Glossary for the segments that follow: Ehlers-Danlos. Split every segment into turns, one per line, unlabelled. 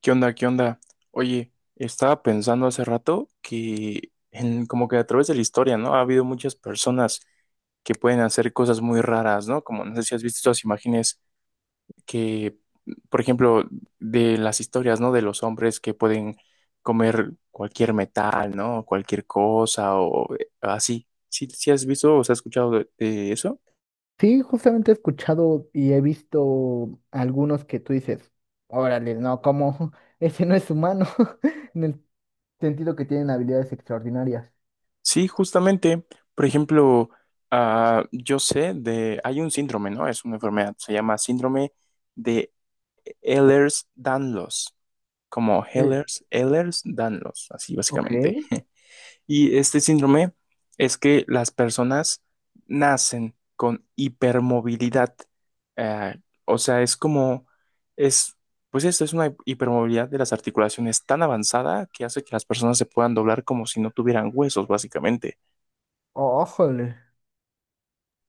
¿Qué onda? ¿Qué onda? Oye, estaba pensando hace rato que en, como que a través de la historia, ¿no? Ha habido muchas personas que pueden hacer cosas muy raras, ¿no? Como no sé si has visto estas imágenes que, por ejemplo, de las historias, ¿no? De los hombres que pueden comer cualquier metal, ¿no? Cualquier cosa o así. ¿Sí, sí has visto o has escuchado de eso?
Sí, justamente he escuchado y he visto algunos que tú dices, órale, no, como ese no es humano, en el sentido que tienen habilidades extraordinarias.
Sí, justamente, por ejemplo, yo sé de, hay un síndrome, ¿no? Es una enfermedad, se llama síndrome de Ehlers-Danlos, como
Eh,
Ehlers, Ehlers-Danlos, así
ok.
básicamente. Y este síndrome es que las personas nacen con hipermovilidad, eh, o sea, es como, es, pues esto es una hipermovilidad de las articulaciones tan avanzada que hace que las personas se puedan doblar como si no tuvieran huesos, básicamente.
Ójole.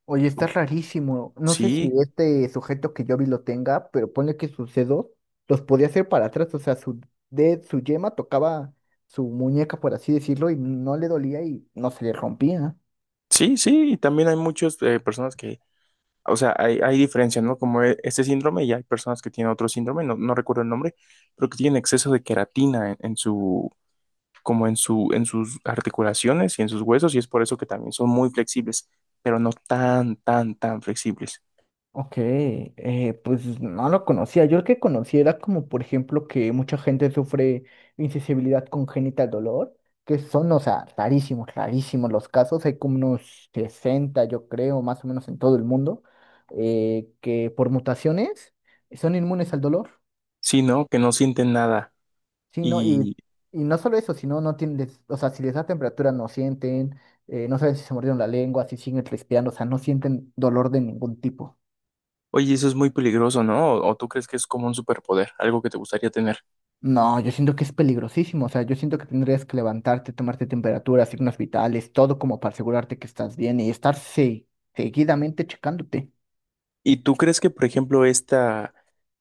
Oye, está rarísimo. No sé si
Sí,
este sujeto que yo vi lo tenga, pero ponle que sus dedos los podía hacer para atrás, o sea, su de su yema tocaba su muñeca, por así decirlo, y no le dolía y no se le rompía.
sí, sí, y también hay muchas personas que, o sea, hay diferencias, ¿no? Como e- este síndrome y hay personas que tienen otro síndrome, no, no recuerdo el nombre, pero que tienen exceso de queratina en su, como en su, en sus articulaciones y en sus huesos y es por eso que también son muy flexibles, pero no tan, tan, tan flexibles,
Ok, pues no lo conocía. Yo el que conocía era como, por ejemplo, que mucha gente sufre insensibilidad congénita al dolor, que son, o sea, rarísimos, rarísimos los casos. Hay como unos 60, yo creo, más o menos en todo el mundo, que por mutaciones son inmunes al dolor.
sino que no sienten nada
Sí, ¿no?
y,
Y no solo eso, sino no tienen, o sea, si les da temperatura no sienten, no saben si se mordieron la lengua, si siguen respirando, o sea, no sienten dolor de ningún tipo.
oye, eso es muy peligroso, ¿no? O tú crees que es como un superpoder, algo que te gustaría tener?
No, yo siento que es peligrosísimo, o sea, yo siento que tendrías que levantarte, tomarte temperatura, signos vitales, todo como para asegurarte que estás bien y estar seguidamente checándote.
¿Y tú crees que, por ejemplo, esta,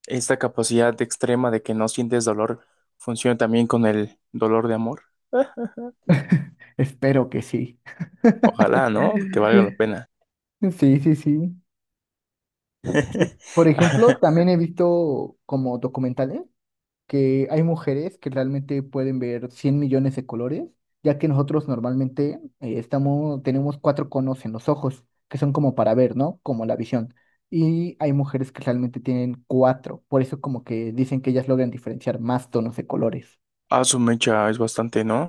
esta capacidad extrema de que no sientes dolor funciona también con el dolor de amor?
Espero que sí.
Ojalá, ¿no? Que valga la pena.
Sí, sí, sí. Sí. Por ejemplo, también he visto como documentales, que hay mujeres que realmente pueden ver 100 millones de colores, ya que nosotros normalmente estamos, tenemos cuatro conos en los ojos, que son como para ver, ¿no? Como la visión. Y hay mujeres que realmente tienen cuatro, por eso como que dicen que ellas logran diferenciar más tonos de colores.
Ah, su mecha es bastante, ¿no?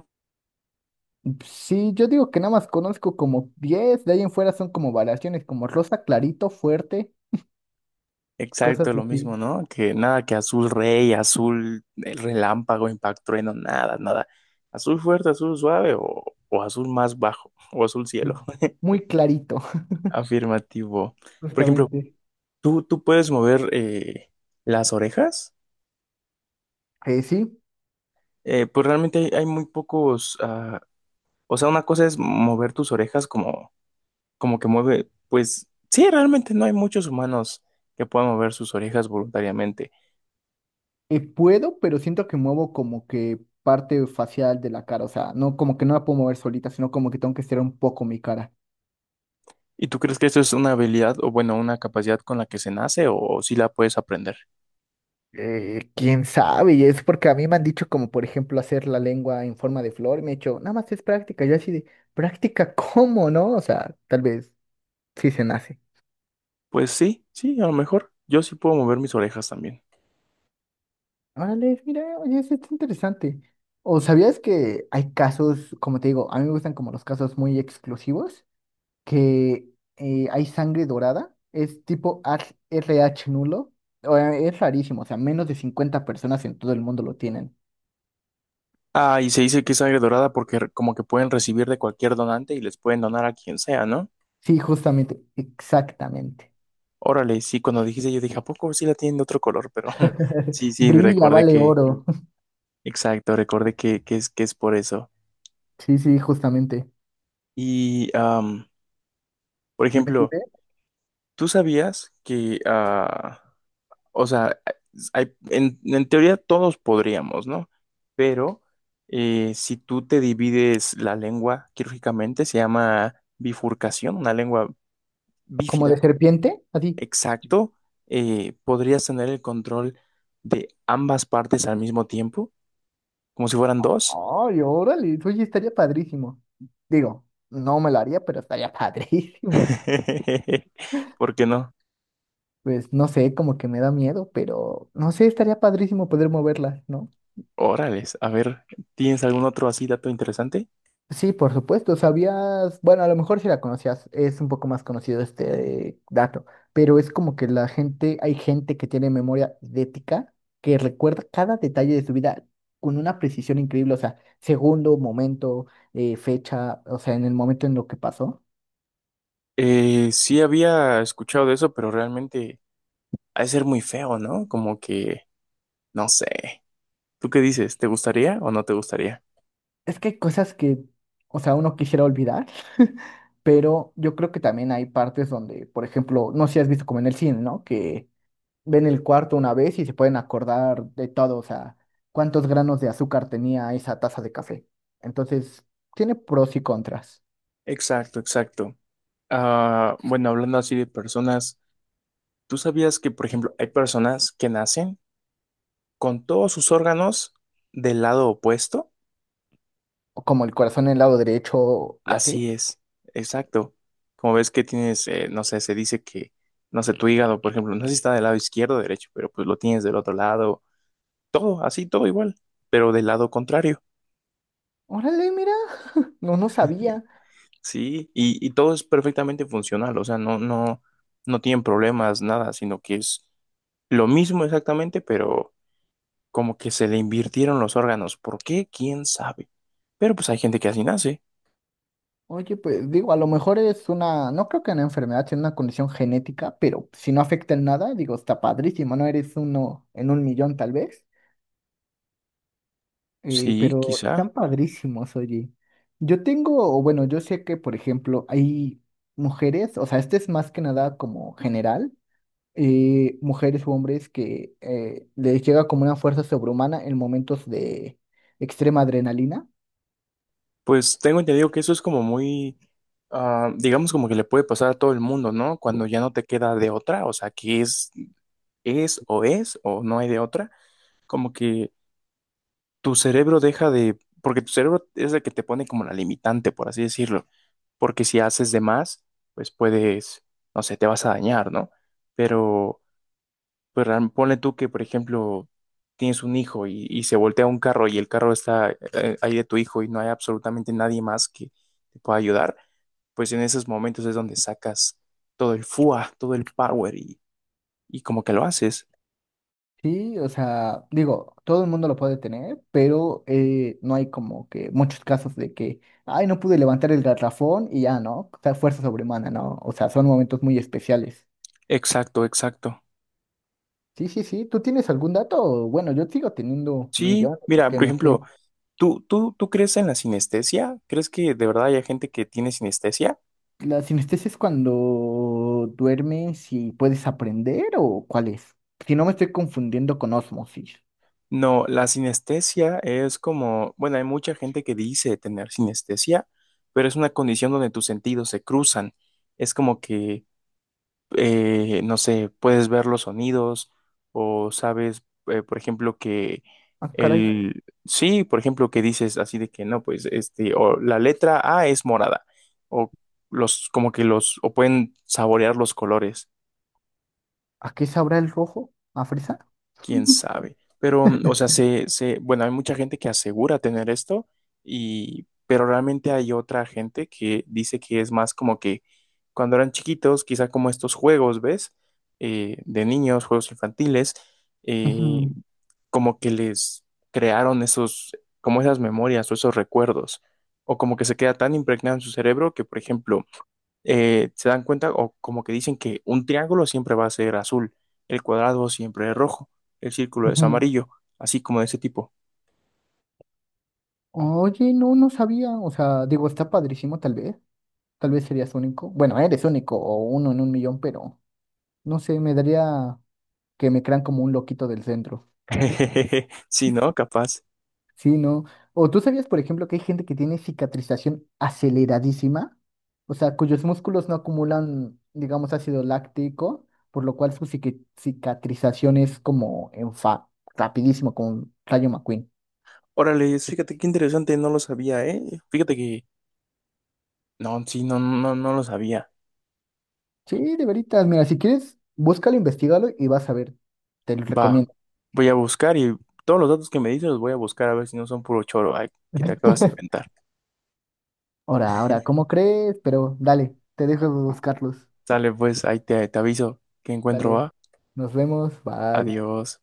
Sí, yo digo que nada más conozco como diez, de ahí en fuera son como variaciones, como rosa, clarito, fuerte,
Exacto,
cosas
lo
así.
mismo, ¿no? Que nada, que azul rey, azul el relámpago, impacto, trueno, nada, nada. Azul fuerte, azul suave o azul más bajo o azul cielo.
Sí. Muy clarito,
Afirmativo. Por ejemplo,
justamente.
¿tú, tú puedes mover las orejas?
Sí.
Pues realmente hay, hay muy pocos, ah, o sea, una cosa es mover tus orejas como, como que mueve, pues sí, realmente no hay muchos humanos que puedan mover sus orejas voluntariamente.
Puedo, pero siento que muevo como que parte facial de la cara, o sea, no como que no la puedo mover solita, sino como que tengo que estirar un poco mi cara.
¿Y tú crees que eso es una habilidad o bueno, una capacidad con la que se nace o, si sí la puedes aprender?
Quién sabe, y es porque a mí me han dicho como por ejemplo hacer la lengua en forma de flor y me he dicho, nada más es práctica, yo así de, práctica, ¿cómo no? O sea, tal vez sí se nace.
Pues sí, sí, a lo mejor yo sí puedo mover mis orejas también.
Órale, mira, oye, eso está interesante. ¿O sabías que hay casos, como te digo, a mí me gustan como los casos muy exclusivos? Que hay sangre dorada, es tipo RH nulo, o, es rarísimo, o sea, menos de 50 personas en todo el mundo lo tienen.
Ah, y se dice que es sangre dorada porque re- como que pueden recibir de cualquier donante y les pueden donar a quien sea, ¿no?
Sí, justamente, exactamente.
Órale, sí, cuando dijiste yo dije, ¿a poco sí la tienen de otro color? Pero sí, sí, me
Brilla,
recordé
vale
que
oro.
exacto, recordé que es por eso.
Sí, sí, justamente.
Y, por
Sí, ve, sí,
ejemplo,
ve.
¿tú sabías que, ah, o sea, hay- en teoría todos podríamos, ¿no? Pero si tú te divides la lengua quirúrgicamente, se llama bifurcación, una lengua
Como de
bífida,
serpiente, así.
exacto, podrías tener el control de ambas partes al mismo tiempo, como si fueran dos.
Ay, órale, oye, estaría padrísimo. Digo, no me lo haría, pero estaría padrísimo.
¿Por qué no?
Pues no sé, como que me da miedo, pero no sé, estaría padrísimo poder moverla, ¿no?
Órales, a ver, ¿tienes algún otro así dato interesante?
Sí, por supuesto, sabías, bueno, a lo mejor si la conocías, es un poco más conocido este dato, pero es como que la gente, hay gente que tiene memoria idética, que recuerda cada detalle de su vida con una precisión increíble, o sea, segundo, momento, fecha, o sea, en el momento en lo que pasó.
Sí había escuchado de eso, pero realmente ha de ser muy feo, ¿no? Como que, no sé. ¿Tú qué dices? ¿Te gustaría o no te gustaría?
Es que hay cosas que, o sea, uno quisiera olvidar, pero yo creo que también hay partes donde, por ejemplo, no sé si has visto como en el cine, ¿no? Que ven el cuarto una vez y se pueden acordar de todo, o sea, cuántos granos de azúcar tenía esa taza de café. Entonces, tiene pros y contras,
Exacto, exacto. Ah, bueno, hablando así de personas, ¿tú sabías que, por ejemplo, hay personas que nacen con todos sus órganos del lado opuesto?
o como el corazón en el lado derecho y
Así
así.
es, exacto. Como ves que tienes, no sé, se dice que, no sé, tu hígado, por ejemplo, no sé si está del lado izquierdo o derecho, pero pues lo tienes del otro lado, todo, así, todo igual, pero del lado contrario,
Órale, mira, no, no sabía.
¿sí? Y todo es perfectamente funcional, o sea, no, no, no tienen problemas, nada, sino que es lo mismo exactamente, pero como que se le invirtieron los órganos. ¿Por qué? ¿Quién sabe? Pero pues hay gente que así nace.
Oye, pues digo, a lo mejor es una, no creo que una enfermedad, sino una condición genética, pero si no afecta en nada, digo, está padrísimo, ¿no? Eres uno en 1 millón tal vez.
Sí,
Pero
quizá.
están padrísimos, oye. Yo tengo, o bueno, yo sé que, por ejemplo, hay mujeres, o sea, este es más que nada como general, mujeres u hombres que les llega como una fuerza sobrehumana en momentos de extrema adrenalina.
Pues tengo entendido que eso es como muy, ah, digamos como que le puede pasar a todo el mundo, ¿no? Cuando ya no te queda de otra, o sea, que es o no hay de otra, como que tu cerebro deja de, porque tu cerebro es el que te pone como la limitante, por así decirlo, porque si haces de más, pues puedes, no sé, te vas a dañar, ¿no? Pero, pues real- ponle tú que, por ejemplo, tienes un hijo y se voltea un carro y el carro está ahí de tu hijo y no hay absolutamente nadie más que te pueda ayudar pues en esos momentos es donde sacas todo el FUA, todo el power y como que lo haces.
Sí, o sea, digo, todo el mundo lo puede tener, pero no hay como que muchos casos de que, ay, no pude levantar el garrafón y ya, ¿no? O sea, fuerza sobrehumana, ¿no? O sea, son momentos muy especiales.
Exacto, exacto.
Sí, sí, sí. ¿Tú tienes algún dato? Bueno, yo sigo teniendo
Sí,
millones
mira,
que
por
me
ejemplo,
sé.
¿tú crees en la sinestesia? ¿Crees que de verdad hay gente que tiene sinestesia?
¿La sinestesia es cuando duermes y puedes aprender o cuál es? Si no me estoy confundiendo con osmosis.
No, la sinestesia es como, bueno, hay mucha gente que dice tener sinestesia, pero es una condición donde tus sentidos se cruzan. Es como que no sé, puedes ver los sonidos o sabes, por ejemplo, que
Ah, caray.
el, sí, por ejemplo, que dices así de que no, pues este, o la letra A es morada, o los, como que los, o pueden saborear los colores.
¿A qué sabrá el rojo? ¿A fresa?
Quién
Ujú,
sabe. Pero, mm, o sea, se, bueno, hay mucha gente que asegura tener esto, y, pero realmente hay otra gente que dice que es más como que cuando eran chiquitos, quizá como estos juegos, ¿ves? De niños, juegos infantiles, eh,
ujú,
como que les crearon esos, como esas memorias o esos recuerdos, o como que se queda tan impregnado en su cerebro que, por ejemplo, se dan cuenta o como que dicen que un triángulo siempre va a ser azul, el cuadrado siempre es rojo, el círculo es
ujú.
amarillo, así como de ese tipo.
Oye, no, no sabía. O sea, digo, está padrísimo tal vez. Tal vez serías único. Bueno, eres único o uno en 1 millón, pero no sé, me daría que me crean como un loquito del centro.
Sí, ¿no? Capaz.
Sí, ¿no? O tú sabías, por ejemplo, que hay gente que tiene cicatrización aceleradísima, o sea, cuyos músculos no acumulan, digamos, ácido láctico, por lo cual su cicatrización es como en rapidísimo, como un Rayo McQueen.
Órale, fíjate qué interesante, no lo sabía, ¿eh? Fíjate que, no, sí, no, no, no lo sabía.
Sí, de veritas, mira, si quieres, búscalo, investigalo y vas a ver. Te lo
Va,
recomiendo.
voy a buscar y todos los datos que me dices los voy a buscar a ver si no son puro choro, ay, que te acabas de inventar.
Ahora, ahora, ¿cómo crees? Pero dale, te dejo buscarlos.
Sale, pues, ahí te, te aviso que encuentro,
Dale,
va.
nos vemos, bye.
Adiós.